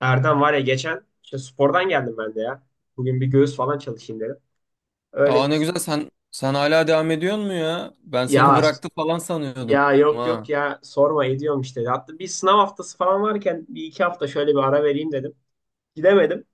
Erdem var ya, geçen işte spordan geldim ben de ya. Bugün bir göğüs falan çalışayım dedim. Öyle Aa, bir ne güzel, sen hala devam ediyor mu ya? Ben seni ya. bıraktı falan sanıyordum Yok yok ha. ya, sorma, ediyorum işte. Hatta bir sınav haftası falan varken bir iki hafta şöyle bir ara vereyim dedim. Gidemedim.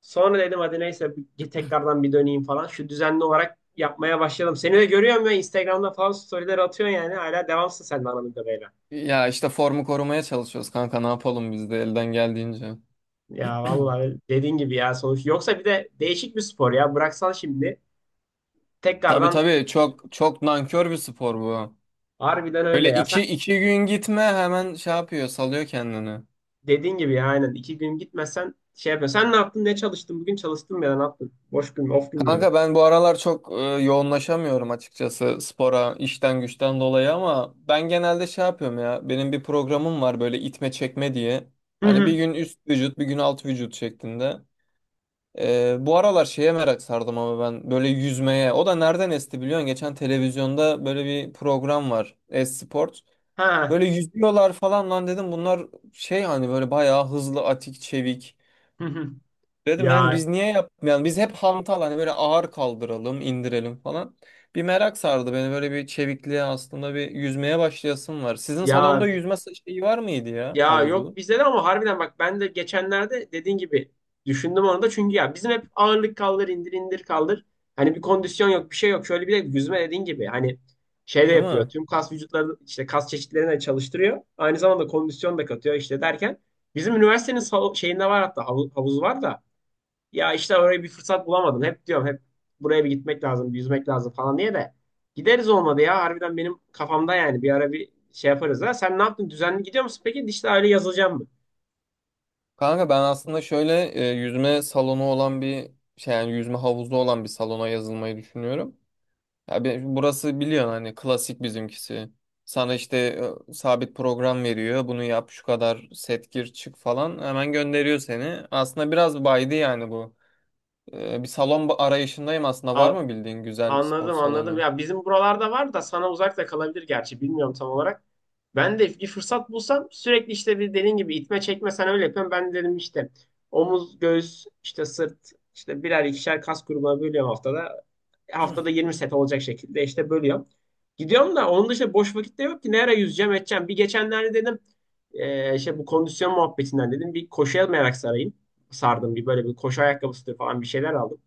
Sonra dedim hadi neyse, bir tekrardan bir döneyim falan. Şu düzenli olarak yapmaya başladım. Seni de görüyorum ya, Instagram'da falan storyler atıyorsun yani. Hala devamsın sen de anladığım kadarıyla. Ya işte formu korumaya çalışıyoruz kanka, ne yapalım biz de elden geldiğince. Ya vallahi dediğin gibi ya, sonuç. Yoksa bir de değişik bir spor ya. Bıraksan şimdi Tabii tekrardan tabii, çok çok nankör bir spor bu. harbiden öyle Öyle ya. Sen iki gün gitme, hemen şey yapıyor, salıyor kendini. dediğin gibi ya, aynen. İki gün gitmezsen şey yapma. Sen ne yaptın? Ne çalıştın? Bugün çalıştın mı ya? Da ne yaptın? Boş gün mü? Off gün müydü? Kanka ben bu aralar çok yoğunlaşamıyorum açıkçası spora, işten güçten dolayı, ama ben genelde şey yapıyorum ya, benim bir programım var böyle itme çekme diye. Hı Hani bir hı. gün üst vücut, bir gün alt vücut şeklinde. Bu aralar şeye merak sardım ama ben, böyle yüzmeye. O da nereden esti biliyorsun? Geçen televizyonda böyle bir program var, Esport. Ha. Böyle yüzüyorlar falan, lan dedim, bunlar şey, hani böyle bayağı hızlı, atik, çevik. Hı hı. Dedim yani Ya biz niye yapmayalım? Biz hep hantal, hani böyle ağır kaldıralım, indirelim falan. Bir merak sardı beni böyle bir çevikliğe, aslında bir yüzmeye başlayasım var. Sizin ya salonda yüzme şeyi var mıydı ya, ya yok, havuzu? bizde de ama harbiden bak, ben de geçenlerde dediğin gibi düşündüm onu da, çünkü ya bizim hep ağırlık kaldır indir, indir kaldır. Hani bir kondisyon yok, bir şey yok. Şöyle bir de yüzme, dediğin gibi hani, şey de Değil yapıyor. mi? Tüm kas vücutları işte, kas çeşitlerini de çalıştırıyor. Aynı zamanda kondisyon da katıyor işte derken. Bizim üniversitenin sal- şeyinde var, hatta havu- havuzu var da. Ya işte oraya bir fırsat bulamadım. Hep diyorum hep buraya bir gitmek lazım, bir yüzmek lazım falan diye de. Gideriz olmadı ya. Harbiden benim kafamda yani bir ara bir şey yaparız ha. Sen ne yaptın? Düzenli gidiyor musun? Peki dijital aile yazılacağım mı? Kanka ben aslında şöyle yüzme salonu olan bir şey, yani yüzme havuzu olan bir salona yazılmayı düşünüyorum. Ya burası biliyorsun hani, klasik bizimkisi. Sana işte sabit program veriyor. Bunu yap, şu kadar set, gir çık falan, hemen gönderiyor seni. Aslında biraz baydı yani bu. Bir salon arayışındayım aslında, var A- mı bildiğin güzel spor anladım anladım. salonu? Ya bizim buralarda var da sana uzak da kalabilir gerçi. Bilmiyorum tam olarak. Ben de bir fırsat bulsam sürekli işte bir, dediğin gibi, itme çekme sen öyle yapıyorsun. Ben de dedim işte omuz, göğüs, işte sırt, işte birer ikişer kas grubuna bölüyorum haftada. Haftada 20 set olacak şekilde işte bölüyorum. Gidiyorum da onun dışında boş vakit de yok ki. Ne ara yüzeceğim edeceğim. Bir geçenlerde dedim, işte bu kondisyon muhabbetinden, dedim bir koşuya merak sarayım. Sardım bir, böyle bir koşu ayakkabısı falan bir şeyler aldım.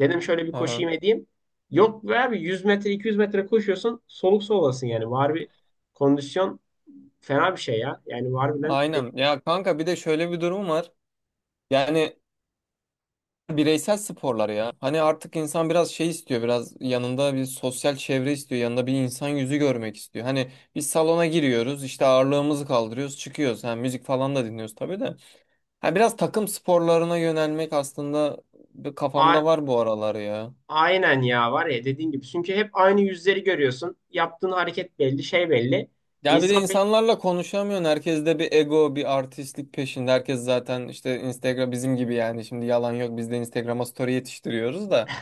Dedim şöyle bir koşayım Aha. edeyim. Yok be abi, 100 metre 200 metre koşuyorsun soluk solasın yani. Var bir kondisyon, fena bir şey ya. Yani harbiden de- Aynen. Ya kanka bir de şöyle bir durum var. Yani bireysel sporlar ya. Hani artık insan biraz şey istiyor, biraz yanında bir sosyal çevre istiyor, yanında bir insan yüzü görmek istiyor. Hani biz salona giriyoruz, işte ağırlığımızı kaldırıyoruz, çıkıyoruz. Ha, müzik falan da dinliyoruz tabii de. Ha, biraz takım sporlarına yönelmek aslında bir, a- kafamda var bu aralar ya. aynen ya, var ya dediğin gibi. Çünkü hep aynı yüzleri görüyorsun. Yaptığın hareket belli, şey belli. Ya bir de İnsan insanlarla konuşamıyorsun. Herkes de bir ego, bir artistlik peşinde. Herkes zaten işte Instagram bizim gibi yani. Şimdi yalan yok, biz de Instagram'a story yetiştiriyoruz da.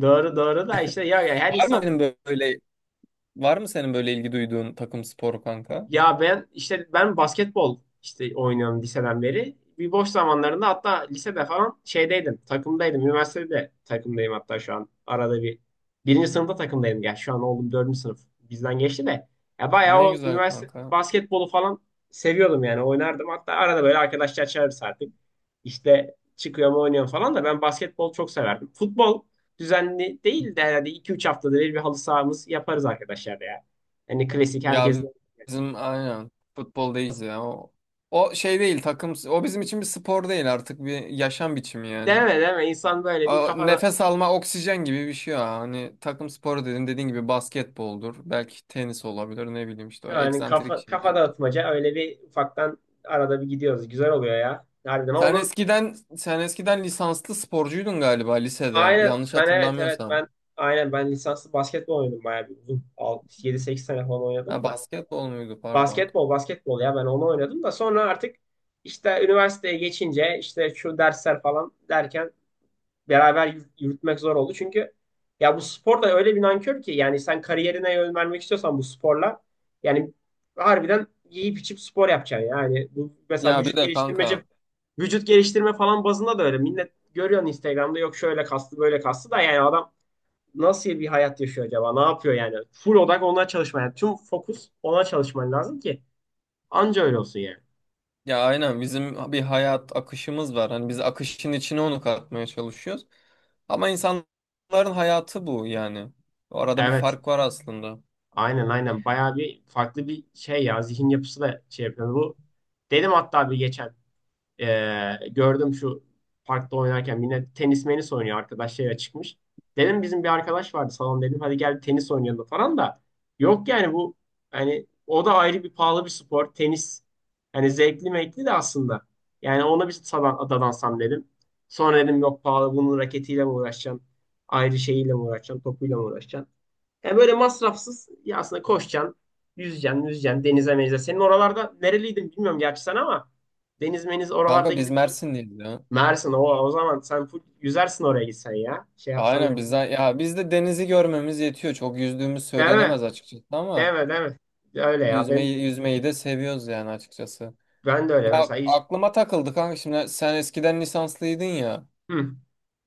doğru doğru da işte ya, ya her Var mı insan. benim böyle Var mı senin böyle ilgi duyduğun takım sporu kanka? Ya ben işte, ben basketbol işte oynuyorum liseden beri. Bir boş zamanlarında, hatta lisede falan şeydeydim, takımdaydım. Üniversitede de takımdayım hatta şu an. Arada bir birinci sınıfta takımdaydım. Ya şu an oğlum, dördüncü sınıf bizden geçti de. Ya bayağı Ne o güzel üniversite kanka. basketbolu falan seviyordum yani, oynardım. Hatta arada böyle arkadaşlar çağırırız artık. İşte çıkıyorum oynuyorum falan da, ben basketbol çok severdim. Futbol düzenli değil de, herhalde 2-3 haftada bir bir halı sahamız yaparız arkadaşlar ya. Hani klasik Ya herkesin. bizim aynen futbol değiliz ya. O şey değil, takım o bizim için bir spor değil artık, bir yaşam biçimi yani. Deme deme, insan böyle bir kafada, Nefes alma, oksijen gibi bir şey ya. Hani takım sporu dedin, dediğin gibi basketboldur, belki tenis olabilir, ne bileyim işte o yani eksantrik kafa şeyler. kafa dağıtmaca öyle bir ufaktan arada bir gidiyoruz. Güzel oluyor ya. Harbiden ama Sen bu eskiden lisanslı sporcuydun galiba lisede, aynen, yanlış ben evet evet, hatırlamıyorsam. ben aynen ben lisanslı basketbol oynadım bayağı bir uzun. Yedi sekiz sene falan Ha, oynadım da. basketbol muydu pardon. Basketbol basketbol, ya ben onu oynadım da sonra artık işte üniversiteye geçince, işte şu dersler falan derken beraber yürütmek zor oldu. Çünkü ya bu spor da öyle bir nankör ki, yani sen kariyerine yön vermek istiyorsan bu sporla, yani harbiden yiyip içip spor yapacaksın. Yani bu mesela Ya bir vücut de geliştirmece, kanka, vücut geliştirme falan bazında da öyle. Millet görüyorsun Instagram'da, yok şöyle kaslı böyle kaslı, da yani adam nasıl bir hayat yaşıyor acaba? Ne yapıyor yani? Full odak ona çalışman. Yani tüm fokus ona çalışman lazım ki anca öyle olsun yani. ya aynen, bizim bir hayat akışımız var. Hani biz akışın içine onu katmaya çalışıyoruz. Ama insanların hayatı bu yani. Arada bir Evet. fark var aslında. Aynen bayağı bir farklı bir şey ya, zihin yapısı da şey yapıyor. Bu dedim hatta bir geçen gördüm, şu parkta oynarken yine tenis menis oynuyor arkadaş, şeye çıkmış. Dedim bizim bir arkadaş vardı salon, dedim hadi gel tenis oynayalım falan da, yok yani bu, hani o da ayrı bir pahalı bir spor tenis, hani zevkli mekli de aslında, yani ona bir sadan, dadansam dedim. Sonra dedim yok, pahalı, bunun raketiyle mi uğraşacaksın, ayrı şeyiyle mi uğraşacaksın, topuyla mı uğraşacaksın. Yani böyle masrafsız ya aslında, koşacaksın, yüzeceksin, yüzeceksin, denize menize. Senin oralarda, nereliydin bilmiyorum gerçi sen ama, deniz meniz oralarda Kanka biz gidip Mersinliyiz ya. Mersin, o, o zaman sen full yüzersin oraya gitsen ya. Şey yapsan Aynen öyle bir. bizden ya, bizde denizi görmemiz yetiyor. Çok yüzdüğümüz Deme, söylenemez açıkçası ama deme, deme. Öyle ya ben, yüzmeyi de seviyoruz yani açıkçası. ben de öyle Ya mesela İz- aklıma takıldı kanka, şimdi sen eskiden lisanslıydın ya. hı.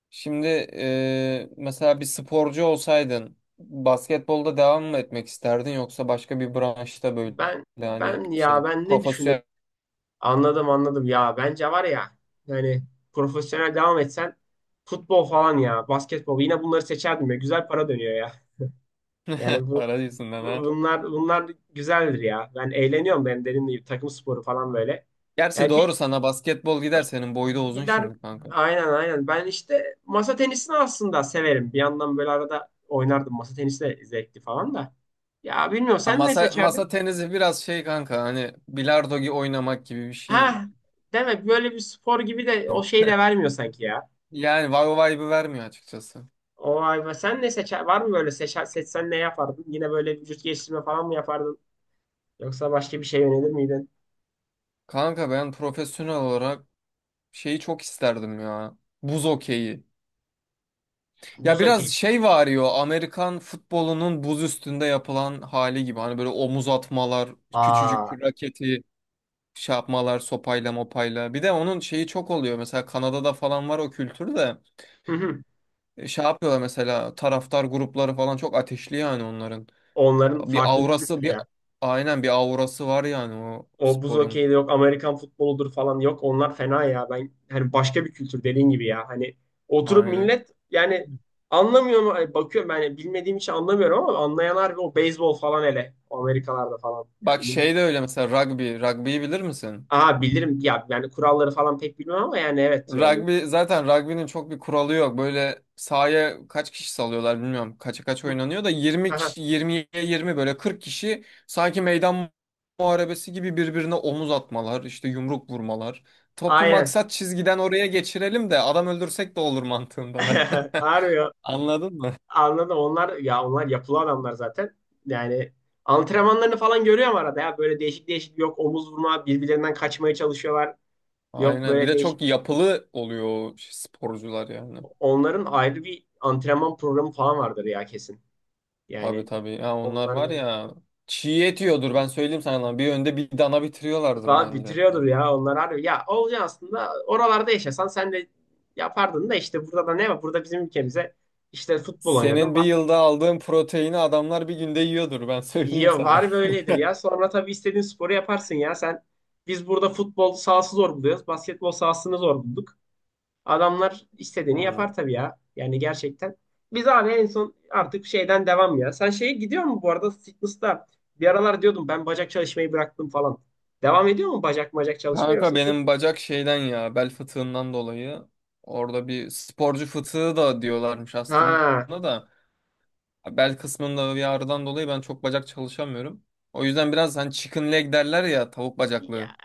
Şimdi mesela bir sporcu olsaydın, basketbolda devam mı etmek isterdin, yoksa başka bir branşta böyle, Ben yani ben ya, şey, ben ne düşünürüm? profesyonel. Anladım anladım ya, bence var ya, yani profesyonel devam etsen futbol falan ya basketbol, yine bunları seçerdim ya, güzel para dönüyor ya. Yani bu Para yüzünden ha. Bunlar güzeldir ya. Ben eğleniyorum, benim dediğim gibi takım sporu falan böyle. Gerçi Yani bir doğru, sana basketbol gider, senin boyu da uzun gider, şimdi kanka. aynen. Ben işte masa tenisini aslında severim. Bir yandan böyle arada oynardım. Masa tenisi de zevkli falan da. Ya bilmiyorum, Ya sen ne masa seçerdin? masa tenisi biraz şey kanka, hani bilardo gibi, oynamak gibi bir şey. Ha, demek böyle bir spor gibi de o şeyi de vermiyor sanki ya. Yani vay vay vibe'ı vermiyor açıkçası. O ay be, sen ne seçer? Var mı böyle seçer, seçsen ne yapardın? Yine böyle vücut geliştirme falan mı yapardın? Yoksa başka bir şey yönelir miydin? Kanka ben profesyonel olarak şeyi çok isterdim ya, buz okeyi. Ya Buz biraz hokeyi. şey var ya, Amerikan futbolunun buz üstünde yapılan hali gibi. Hani böyle omuz atmalar, küçücük Aa. raketi şey yapmalar, sopayla mopayla. Bir de onun şeyi çok oluyor, mesela Kanada'da falan var o kültür de. Şey yapıyorlar mesela, taraftar grupları falan çok ateşli yani onların. Onların Bir farklı bir aurası kültürü bir ya. Aynen, bir aurası var yani o O buz sporun. hokeyi de yok, Amerikan futboludur falan, yok. Onlar fena ya. Ben hani başka bir kültür dediğin gibi ya. Hani oturup Aynen. millet yani anlamıyor mu? Ay, bakıyorum ben yani bilmediğim için anlamıyorum, ama anlayanlar, o beyzbol falan hele. O Amerikalarda falan. Yani Bak millet. şey de öyle, mesela rugby. Rugby'yi bilir misin? Aha, bilirim ya, yani kuralları falan pek bilmem ama yani evet yani. Rugby zaten, rugby'nin çok bir kuralı yok. Böyle sahaya kaç kişi salıyorlar bilmiyorum. Kaça kaç oynanıyor da, 20 Aha, kişi, 20'ye 20, böyle 40 kişi sanki meydan muharebesi gibi birbirine omuz atmalar, işte yumruk vurmalar. Topu aynen. maksat çizgiden oraya geçirelim de, adam öldürsek de olur mantığındalar. Harbi Anladın mı? anladım. Onlar ya, onlar yapılı adamlar zaten. Yani antrenmanlarını falan görüyorum arada ya. Böyle değişik değişik, yok omuz vurma, birbirlerinden kaçmaya çalışıyorlar. Yok Aynen. Bir böyle de değişik. çok yapılı oluyor o sporcular yani. Onların ayrı bir antrenman programı falan vardır ya, kesin. Tabii Yani tabii. Ya onlar onlar var böyle ya, çiğ et yiyordur ben söyleyeyim sana, lan. Bir önde bir dana bitiriyorlardır vallahi bence. bitiriyordur ya, onlar harbi. Ya olacağı aslında oralarda yaşasan sen de yapardın da, işte burada da ne var? Burada bizim ülkemize işte futbol oynadım, Senin bir basket. yılda aldığın proteini, adamlar bir günde yiyordur ben söyleyeyim Ya sana. var böyledir ya. Sonra tabii istediğin sporu yaparsın ya. Sen, biz burada futbol sahası zor buluyoruz. Basketbol sahasını zor bulduk. Adamlar istediğini Yani. yapar tabii ya. Yani gerçekten. Biz abi en son artık şeyden devam ya. Sen şeye gidiyor mu bu arada, fitness'ta? Bir aralar diyordum ben, bacak çalışmayı bıraktım falan. Devam ediyor mu bacak çalışma Kanka yoksa benim full-? bacak şeyden ya, bel fıtığından dolayı, orada bir sporcu fıtığı da diyorlarmış aslında, Ha. da bel kısmında bir ağrıdan dolayı ben çok bacak çalışamıyorum. O yüzden biraz, hani chicken leg derler ya, tavuk Ya bacaklı.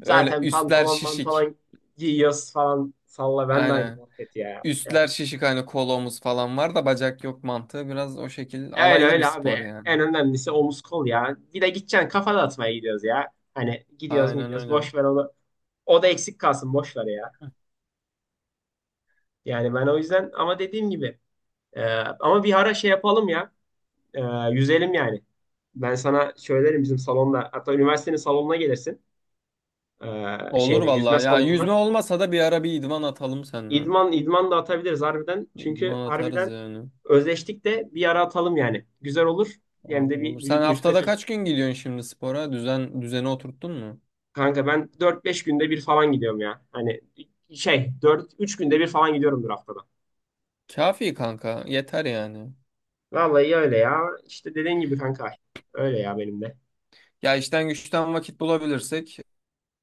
Öyle zaten üstler pantolon şişik. pantolon giyiyoruz falan. Salla, ben de aynı Aynen. muhabbet ya. Üstler Yani şişik, hani kolomuz falan var da bacak yok mantığı, biraz o şekil öyle alaylı bir öyle spor abi. yani. En önemlisi omuz kol ya. Bir de gideceksin, kafa dağıtmaya gidiyoruz ya. Hani gidiyoruz Aynen gidiyoruz. öyle. Boş ver onu. O da eksik kalsın. Boş ver ya. Yani ben o yüzden, ama dediğim gibi e, ama bir ara şey yapalım ya. E, yüzelim yani. Ben sana söylerim bizim salonda. Hatta üniversitenin salonuna gelirsin. Olur şeyine, yüzme vallahi ya, salonuna. yüzme olmasa da bir ara bir idman atalım seninle. İdman, idman da atabiliriz harbiden. Çünkü İdman atarız harbiden yani. özleştik de bir ara atalım yani. Güzel olur. Hem Olur de olur. bir Sen vücut vücutla haftada kaç çalışmış. gün gidiyorsun şimdi spora? Düzeni oturttun mu? Kanka ben dört beş günde bir falan gidiyorum ya. Hani şey, dört üç günde bir falan gidiyorumdur haftada. Kafi kanka, yeter yani. Vallahi öyle ya. İşte dediğin gibi kanka. Öyle ya benim de. Ya işten güçten vakit bulabilirsek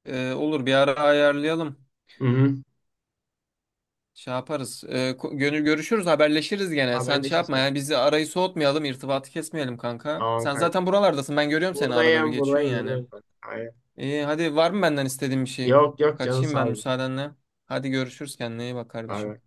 olur, bir ara ayarlayalım. Hı hı. Şey yaparız. Gönül görüşürüz, haberleşiriz gene. Sen şey Haberleşiriz yapma kanka. ya, bizi, arayı soğutmayalım, irtibatı kesmeyelim kanka. Tamam Sen kanka. zaten buralardasın, ben görüyorum seni, arada bir Buradayım geçiyorsun buradayım yani. buradayım kanka. Aynen. İyi, hadi var mı benden istediğin bir şey? Yok yok, canın Kaçayım sağ ben ol. müsaadenle. Hadi görüşürüz, kendine iyi bak Bay kardeşim. bay.